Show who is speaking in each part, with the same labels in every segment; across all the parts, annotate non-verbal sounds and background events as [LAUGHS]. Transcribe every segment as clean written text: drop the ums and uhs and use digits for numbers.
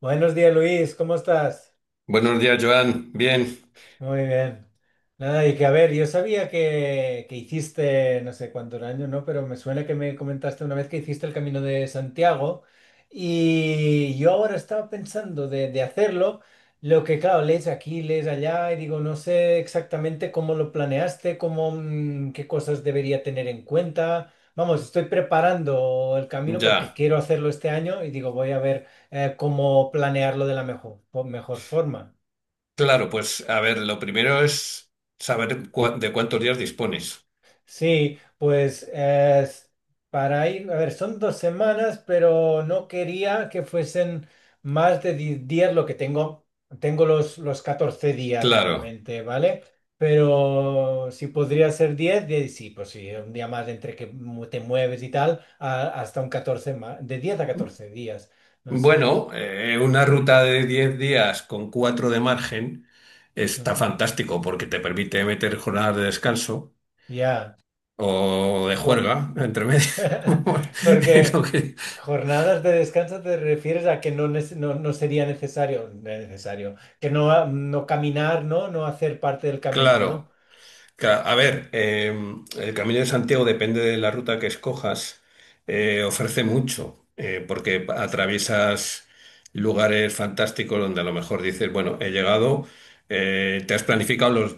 Speaker 1: Buenos días, Luis, ¿cómo estás?
Speaker 2: Buenos días, Joan. Bien,
Speaker 1: Muy bien. Nada, y que a ver, yo sabía que hiciste, no sé cuántos años, ¿no? Pero me suena que me comentaste una vez que hiciste el Camino de Santiago y yo ahora estaba pensando de hacerlo, lo que claro, lees aquí, lees allá y digo, no sé exactamente cómo lo planeaste, cómo, qué cosas debería tener en cuenta. Vamos, estoy preparando el camino porque
Speaker 2: ya.
Speaker 1: quiero hacerlo este año y digo, voy a ver cómo planearlo de la mejor forma.
Speaker 2: Claro, pues a ver, lo primero es saber de cuántos días dispones.
Speaker 1: Sí, pues es para ir, a ver, son 2 semanas, pero no quería que fuesen más de 10 días lo que tengo. Tengo los 14 días
Speaker 2: Claro.
Speaker 1: realmente, ¿vale? Pero si podría ser 10 sí, pues sí, un día más entre que te mueves y tal, hasta un 14 más, de 10 a 14 días, no sé.
Speaker 2: Bueno, una ruta de 10 días con 4 de margen está
Speaker 1: Ujú.
Speaker 2: fantástico porque te permite meter jornadas de descanso
Speaker 1: Ya.
Speaker 2: o de
Speaker 1: Jo-
Speaker 2: juerga entre medio.
Speaker 1: [LAUGHS]
Speaker 2: [LAUGHS] Es Lo
Speaker 1: Porque
Speaker 2: que-
Speaker 1: jornadas de descanso te refieres a que no, no, no sería necesario, necesario, que no, no caminar, ¿no? No hacer parte del camino, ¿no?
Speaker 2: Claro. Claro, a ver, el Camino de Santiago depende de la ruta que escojas, ofrece mucho, porque atraviesas lugares fantásticos donde a lo mejor dices, bueno, he llegado, te has planificado los,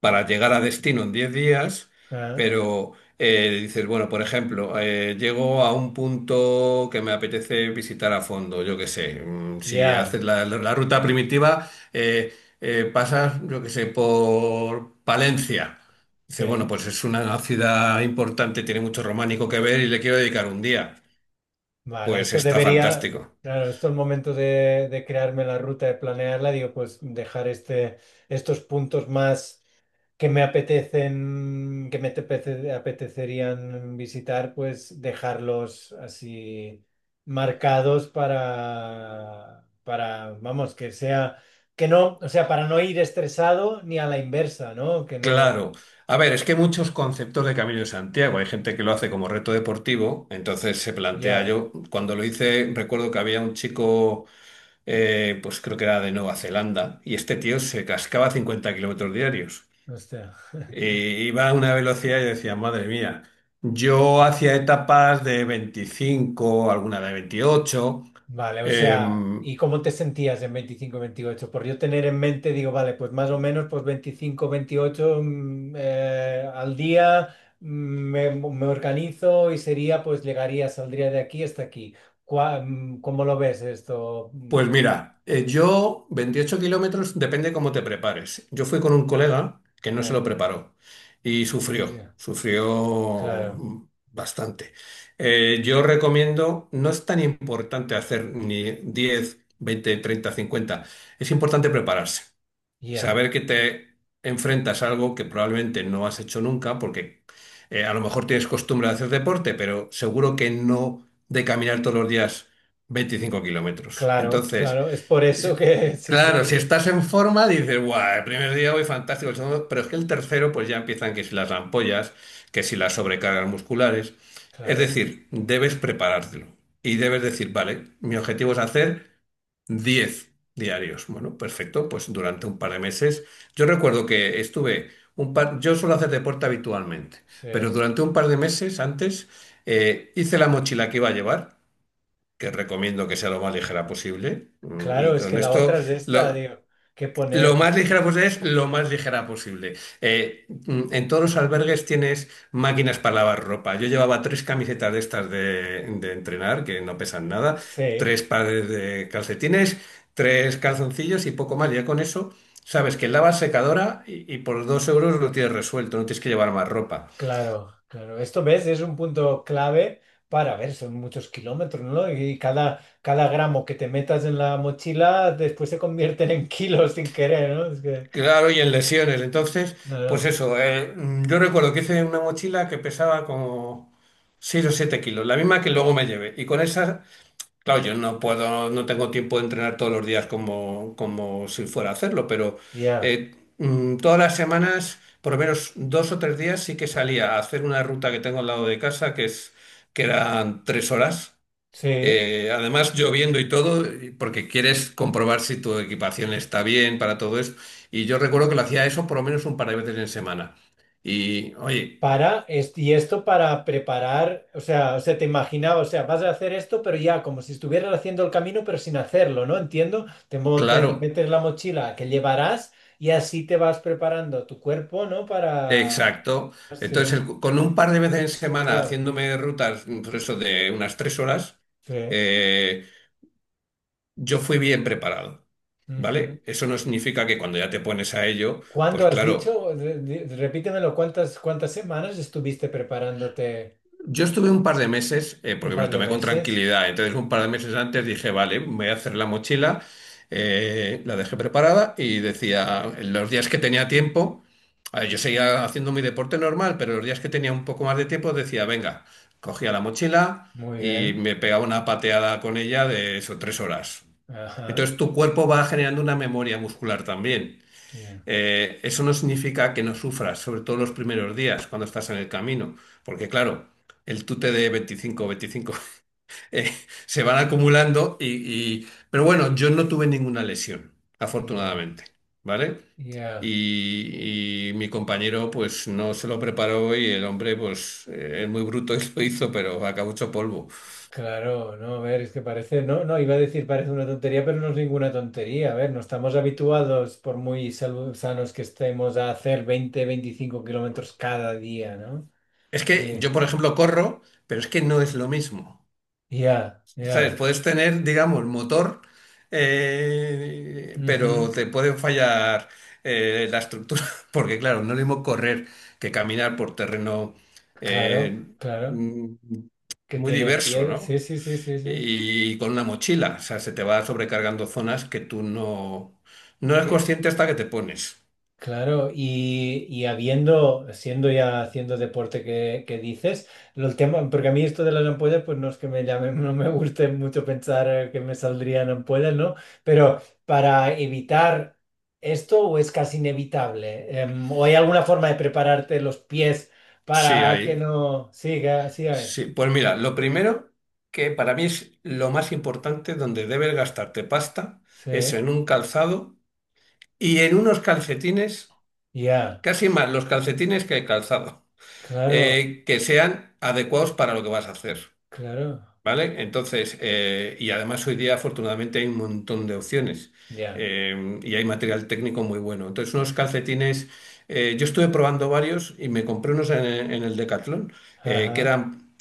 Speaker 2: para llegar a destino en 10 días,
Speaker 1: Ah.
Speaker 2: pero dices, bueno, por ejemplo, llego a un punto que me apetece visitar a fondo, yo qué sé, si
Speaker 1: Ya,
Speaker 2: haces la ruta primitiva, pasas, yo qué sé, por Palencia. Dices, bueno,
Speaker 1: sí.
Speaker 2: pues es una ciudad importante, tiene mucho románico que ver y le quiero dedicar un día.
Speaker 1: Vale,
Speaker 2: Pues
Speaker 1: esto
Speaker 2: está
Speaker 1: debería,
Speaker 2: fantástico.
Speaker 1: claro, esto es el momento de crearme la ruta, de planearla, digo, pues dejar este, estos puntos más. Que me apetecen, que apetecerían visitar, pues dejarlos así marcados para, vamos, que sea, que no, o sea, para no ir estresado ni a la inversa, ¿no? Que no,
Speaker 2: Claro. A ver, es que hay muchos conceptos de Camino de Santiago. Hay gente que lo hace como reto deportivo, entonces se plantea
Speaker 1: ya,
Speaker 2: yo, cuando lo hice, recuerdo que había un chico, pues creo que era de Nueva Zelanda, y este tío se cascaba 50 kilómetros diarios.
Speaker 1: o sea. [LAUGHS]
Speaker 2: Iba a una velocidad y decía, madre mía, yo hacía etapas de 25, alguna de 28.
Speaker 1: Vale, o sea,
Speaker 2: Em,
Speaker 1: ¿y cómo te sentías en 25 28? Por yo tener en mente, digo, vale, pues más o menos, pues 25 28, al día, me organizo y sería, pues llegaría, saldría de aquí hasta aquí. ¿Cómo lo ves esto?
Speaker 2: pues mira, yo 28 kilómetros, depende cómo te prepares. Yo fui con un colega que no se lo
Speaker 1: Eh,
Speaker 2: preparó y sufrió,
Speaker 1: ya. Claro,
Speaker 2: sufrió bastante. Yo recomiendo, no es tan importante hacer ni 10, 20, 30, 50, es importante prepararse.
Speaker 1: ya.
Speaker 2: Saber que te enfrentas a algo que probablemente no has hecho nunca, porque a lo mejor tienes costumbre de hacer deporte, pero seguro que no de caminar todos los días 25 kilómetros.
Speaker 1: Claro,
Speaker 2: Entonces,
Speaker 1: claro, es por eso
Speaker 2: se-
Speaker 1: que, [LAUGHS] sí,
Speaker 2: claro, si
Speaker 1: sí,
Speaker 2: estás en forma, dices, guau, el primer día voy fantástico, el segundo, pero es que el tercero, pues ya empiezan que si las ampollas, que si las sobrecargas musculares. Es
Speaker 1: claro,
Speaker 2: decir, debes preparártelo y debes decir, vale, mi objetivo es hacer. Diez diarios. Bueno, perfecto. Pues durante un par de meses. Yo recuerdo que estuve un par. Yo suelo hacer deporte habitualmente,
Speaker 1: sí,
Speaker 2: pero durante un par de meses antes hice la mochila que iba a llevar, que recomiendo que sea lo más ligera posible. Y
Speaker 1: claro, es
Speaker 2: con
Speaker 1: que la
Speaker 2: esto,
Speaker 1: otra es esta,
Speaker 2: lo-
Speaker 1: digo, que
Speaker 2: lo
Speaker 1: poner, ¿no?
Speaker 2: más ligera posible es lo más ligera posible. En todos los albergues tienes máquinas para lavar ropa. Yo llevaba tres camisetas de estas de entrenar, que no pesan nada,
Speaker 1: Sí.
Speaker 2: tres pares de calcetines, tres calzoncillos y poco más. Ya con eso sabes que lavas secadora y por 2 euros lo tienes resuelto, no tienes que llevar más ropa.
Speaker 1: Claro, claro. Esto ves, es un punto clave para, a ver, son muchos kilómetros, ¿no? Y cada gramo que te metas en la mochila después se convierten en kilos sin querer, ¿no? Es que
Speaker 2: Claro, y en lesiones. Entonces,
Speaker 1: no,
Speaker 2: pues
Speaker 1: no.
Speaker 2: eso, yo recuerdo que hice una mochila que pesaba como 6 o 7 kilos, la misma que luego me llevé. Y con esa Claro, yo no puedo, no tengo tiempo de entrenar todos los días como, como si fuera a hacerlo, pero
Speaker 1: Ya.
Speaker 2: todas las semanas, por lo menos 2 o 3 días, sí que salía a hacer una ruta que tengo al lado de casa, que eran 3 horas.
Speaker 1: Sí.
Speaker 2: Además, lloviendo y todo, porque quieres comprobar si tu equipación está bien para todo eso. Y yo recuerdo que lo hacía eso por lo menos un par de veces en semana. Y, oye,
Speaker 1: Para, y esto para preparar, o sea, te imaginaba, o sea, vas a hacer esto, pero ya como si estuvieras haciendo el camino, pero sin hacerlo, ¿no? Entiendo, te
Speaker 2: claro.
Speaker 1: metes la mochila que llevarás y así te vas preparando tu cuerpo, ¿no? Para,
Speaker 2: Exacto.
Speaker 1: sí,
Speaker 2: Entonces, con un par de veces en semana
Speaker 1: ya,
Speaker 2: haciéndome rutas, por eso de unas 3 horas,
Speaker 1: sí.
Speaker 2: eh, yo fui bien preparado,
Speaker 1: Ujú.
Speaker 2: ¿vale? Eso no significa que cuando ya te pones a ello,
Speaker 1: ¿Cuándo
Speaker 2: pues
Speaker 1: has
Speaker 2: claro.
Speaker 1: dicho? Repítemelo, ¿cuántas semanas estuviste preparándote?
Speaker 2: Yo estuve un par de meses,
Speaker 1: ¿Un
Speaker 2: porque me lo
Speaker 1: par de
Speaker 2: tomé con
Speaker 1: meses?
Speaker 2: tranquilidad, entonces un par de meses antes dije, vale, me voy a hacer la mochila, la dejé preparada y decía, en los días que tenía tiempo, a ver, yo seguía haciendo mi deporte normal, pero los días que tenía un poco más de tiempo decía, venga, cogía la mochila
Speaker 1: Muy
Speaker 2: y
Speaker 1: bien.
Speaker 2: me pegaba una pateada con ella de eso, 3 horas.
Speaker 1: Ajá.
Speaker 2: Entonces tu cuerpo va generando una memoria muscular también.
Speaker 1: Ya,
Speaker 2: Eso no significa que no sufras, sobre todo los primeros días cuando estás en el camino, porque claro, el tute de 25, 25 [LAUGHS] eh, se van acumulando pero bueno, yo no tuve ninguna lesión,
Speaker 1: ya,
Speaker 2: afortunadamente, ¿vale?
Speaker 1: ya.
Speaker 2: Y mi compañero pues no se lo preparó y el hombre pues es muy bruto y [LAUGHS] lo hizo, pero acabó hecho polvo.
Speaker 1: Claro, no, a ver, es que parece, no, no, iba a decir parece una tontería, pero no es ninguna tontería. A ver, no estamos habituados, por muy sanos que estemos, a hacer 20 25 kilómetros cada día, ¿no?
Speaker 2: Es que
Speaker 1: Y-
Speaker 2: yo, por ejemplo, corro, pero es que no es lo mismo.
Speaker 1: Ya,
Speaker 2: ¿Sabes?
Speaker 1: ya.
Speaker 2: Puedes tener, digamos, motor, pero
Speaker 1: Ujú.
Speaker 2: te puede fallar la estructura, [LAUGHS] porque claro, no es lo mismo correr que caminar por terreno
Speaker 1: Claro,
Speaker 2: eh,
Speaker 1: claro.
Speaker 2: mm,
Speaker 1: Que
Speaker 2: muy
Speaker 1: tiene
Speaker 2: diverso,
Speaker 1: piel. Sí,
Speaker 2: ¿no?
Speaker 1: sí, sí, sí, sí.
Speaker 2: Y con una mochila, o sea, se te va sobrecargando zonas que tú no eres consciente hasta que te pones.
Speaker 1: Claro, y habiendo, siendo ya haciendo deporte que dices, el tema, porque a mí esto de las ampollas, pues no es que me llamen, [LAUGHS] no me guste mucho pensar que me saldrían ampollas, ¿no? Pero para evitar esto, ¿o es casi inevitable? ¿O hay alguna forma de prepararte los pies
Speaker 2: Sí,
Speaker 1: para que
Speaker 2: ahí.
Speaker 1: no siga, siga hay?
Speaker 2: Sí, pues mira, lo primero que para mí es lo más importante donde debes gastarte pasta
Speaker 1: Sí,
Speaker 2: es en un calzado y en unos calcetines,
Speaker 1: ya.
Speaker 2: casi más los calcetines que el calzado,
Speaker 1: Claro,
Speaker 2: que sean adecuados para lo que vas a hacer,
Speaker 1: claro,
Speaker 2: ¿vale? Entonces, y además hoy día afortunadamente hay un montón de opciones
Speaker 1: ya.
Speaker 2: y hay material técnico muy bueno. Entonces, unos calcetines, yo estuve probando varios y me compré unos en el Decathlon, eh, que
Speaker 1: Ajá,
Speaker 2: eran,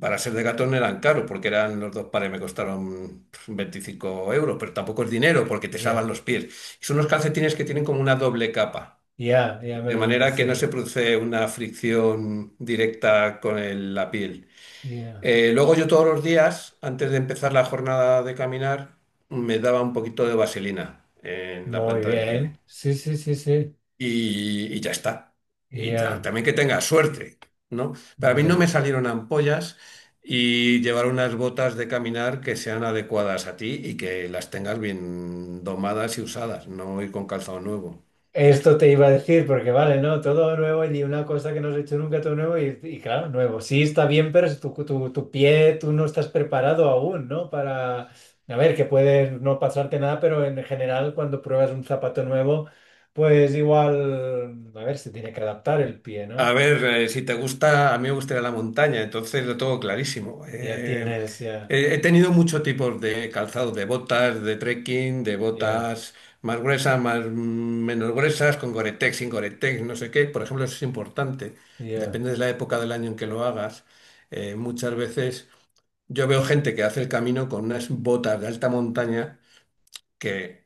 Speaker 2: para ser Decathlon eran caros, porque eran los dos pares, me costaron pues, 25 euros, pero tampoco es dinero porque te salvan
Speaker 1: ya,
Speaker 2: los pies. Son unos calcetines que tienen como una doble capa.
Speaker 1: ya, ya me
Speaker 2: De
Speaker 1: los imagino,
Speaker 2: manera que no
Speaker 1: sí,
Speaker 2: se produce una fricción directa con la piel.
Speaker 1: ya.
Speaker 2: Luego yo todos los días, antes de empezar la jornada de caminar, me daba un poquito de vaselina en la
Speaker 1: Muy
Speaker 2: planta del pie.
Speaker 1: bien. Sí, sí, sí, sí.
Speaker 2: Y ya está. Y
Speaker 1: Ya,
Speaker 2: también que tenga suerte, ¿no? Para mí no
Speaker 1: ya.
Speaker 2: me salieron ampollas y llevar unas botas de caminar que sean adecuadas a ti y que las tengas bien domadas y usadas, no ir con calzado nuevo.
Speaker 1: Esto te iba a decir, porque vale, ¿no? Todo nuevo y una cosa que no has hecho nunca, todo nuevo y, claro, nuevo. Sí, está bien, pero es tu pie, tú no estás preparado aún, ¿no? Para, a ver, que puede no pasarte nada, pero en general cuando pruebas un zapato nuevo, pues igual, a ver, se tiene que adaptar el pie,
Speaker 2: A
Speaker 1: ¿no?
Speaker 2: ver, si te gusta, a mí me gustaría la montaña, entonces lo tengo clarísimo.
Speaker 1: Ya tienes, ya,
Speaker 2: He tenido muchos tipos de calzados, de botas, de trekking, de
Speaker 1: ya,
Speaker 2: botas más gruesas, más menos gruesas, con Gore-Tex, sin Gore-Tex, no sé qué. Por ejemplo, eso es importante.
Speaker 1: ya,
Speaker 2: Depende de la época del año en que lo hagas. Muchas veces yo veo gente que hace el camino con unas botas de alta montaña que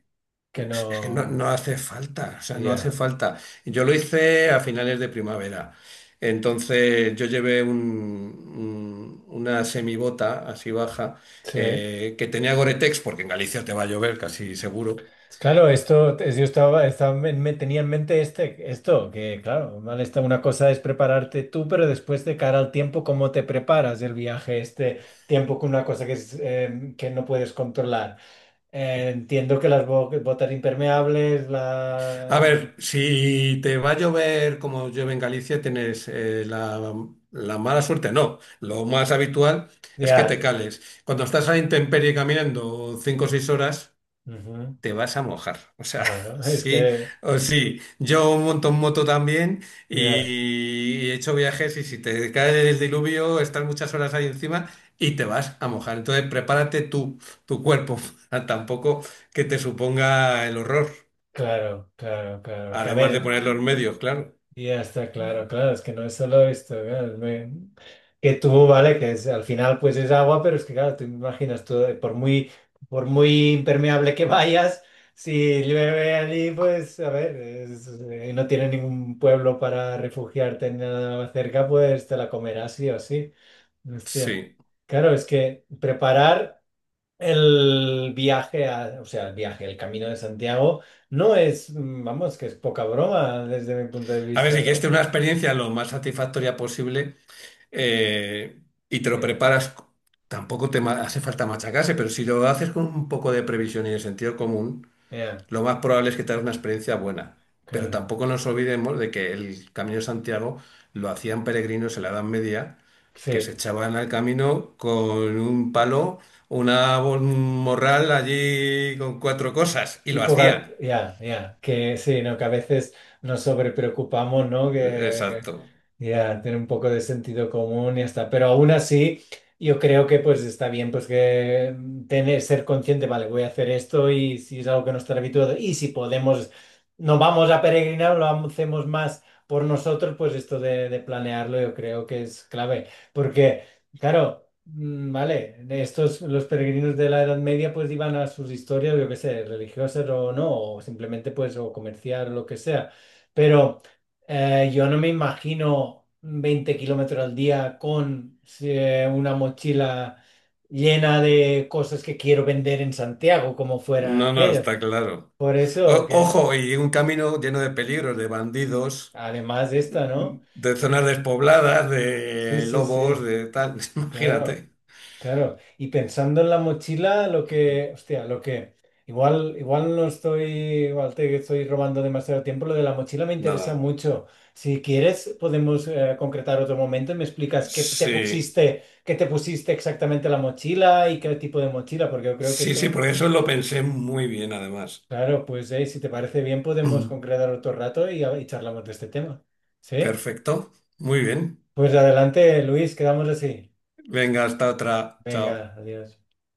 Speaker 1: que
Speaker 2: pues es que no,
Speaker 1: no,
Speaker 2: no hace falta, o sea, no hace
Speaker 1: ya,
Speaker 2: falta. Yo lo hice a finales de primavera. Entonces yo llevé una semibota así baja
Speaker 1: sí.
Speaker 2: que tenía Gore-Tex porque en Galicia te va a llover casi seguro.
Speaker 1: Claro, esto yo estaba, me tenía en mente este, esto, que claro, mal está, una cosa es prepararte tú, pero después de cara al tiempo, ¿cómo te preparas el viaje, este tiempo con una cosa que, que no puedes controlar? Entiendo que las botas impermeables,
Speaker 2: A
Speaker 1: la...
Speaker 2: ver, si te va a llover como llueve en Galicia, tienes la mala suerte, no. Lo más habitual es que te
Speaker 1: Ya,
Speaker 2: cales. Cuando estás a intemperie caminando 5 o 6 horas,
Speaker 1: ujú.
Speaker 2: te vas a mojar. O sea, [LAUGHS]
Speaker 1: Claro, [LAUGHS] es
Speaker 2: sí
Speaker 1: que,
Speaker 2: o sí. Yo monto en moto también
Speaker 1: ya.
Speaker 2: y he hecho viajes y si te cae el diluvio, estás muchas horas ahí encima y te vas a mojar. Entonces, prepárate tú, tu cuerpo, [LAUGHS] para tampoco que te suponga el horror.
Speaker 1: Claro, claro, claro. Que a
Speaker 2: Además de
Speaker 1: ver,
Speaker 2: poner los medios, claro.
Speaker 1: ya está claro, claro, es que no es solo esto, claro, que tú, vale, que es, al final pues es agua, pero es que claro, tú imaginas todo, por muy, impermeable que vayas, si llueve allí, pues a ver, no tiene ningún pueblo para refugiarte ni nada cerca, pues te la comerás sí o sí. Hostia.
Speaker 2: Sí.
Speaker 1: Claro, es que preparar el viaje, o sea, el viaje, el Camino de Santiago, no es, vamos, que es poca broma desde mi punto de
Speaker 2: A ver, si
Speaker 1: vista,
Speaker 2: quieres
Speaker 1: ¿no?
Speaker 2: tener una experiencia lo más satisfactoria posible eh, y te lo
Speaker 1: Ya,
Speaker 2: preparas, tampoco te hace falta machacarse, pero si lo haces con un poco de previsión y de sentido común,
Speaker 1: yeah,
Speaker 2: lo más probable es que tengas una experiencia buena, pero
Speaker 1: claro.
Speaker 2: tampoco nos olvidemos de que el Camino de Santiago lo hacían peregrinos en la Edad Media, que se
Speaker 1: Sí.
Speaker 2: echaban al camino con un palo, una, un morral allí con cuatro cosas, y
Speaker 1: Y
Speaker 2: lo
Speaker 1: poca,
Speaker 2: hacían.
Speaker 1: ya, ya, que sí, ¿no? Que a veces nos sobrepreocupamos, ¿no?
Speaker 2: Exacto.
Speaker 1: Ya, tener un poco de sentido común y ya está. Pero aún así, yo creo que pues está bien, pues que, tener, ser consciente, vale, voy a hacer esto y si es algo que no está habituado y si podemos, no vamos a peregrinar, lo hacemos más por nosotros, pues esto de planearlo yo creo que es clave. Porque, claro. Vale, estos los peregrinos de la Edad Media pues iban a sus historias, yo que sé, religiosas o no, o simplemente pues o comerciar o lo que sea. Pero yo no me imagino 20 kilómetros al día con, sí, una mochila llena de cosas que quiero vender en Santiago como fuera
Speaker 2: No,
Speaker 1: en
Speaker 2: no,
Speaker 1: ellos.
Speaker 2: está claro.
Speaker 1: Por eso que
Speaker 2: Ojo, y un camino lleno de peligros, de bandidos,
Speaker 1: además de esta, ¿no?
Speaker 2: de zonas despobladas,
Speaker 1: Sí,
Speaker 2: de
Speaker 1: sí,
Speaker 2: lobos,
Speaker 1: sí,
Speaker 2: de tal. [LAUGHS]
Speaker 1: claro.
Speaker 2: Imagínate.
Speaker 1: Claro, y pensando en la mochila, lo que, hostia, lo que, igual, igual no estoy, igual te estoy robando demasiado tiempo, lo de la mochila me interesa
Speaker 2: Nada.
Speaker 1: mucho. Si quieres, podemos, concretar otro momento y me explicas
Speaker 2: Sí,
Speaker 1: qué te pusiste exactamente la mochila y qué tipo de mochila, porque yo creo que
Speaker 2: sí, sí,
Speaker 1: esto,
Speaker 2: porque eso lo pensé muy bien además.
Speaker 1: claro, pues si te parece bien, podemos
Speaker 2: [CLEARS THROAT]
Speaker 1: concretar otro rato y, y charlamos de este tema. ¿Sí?
Speaker 2: Perfecto, muy bien.
Speaker 1: Pues adelante, Luis, quedamos así.
Speaker 2: Venga, hasta otra. Chao.
Speaker 1: Venga, adiós.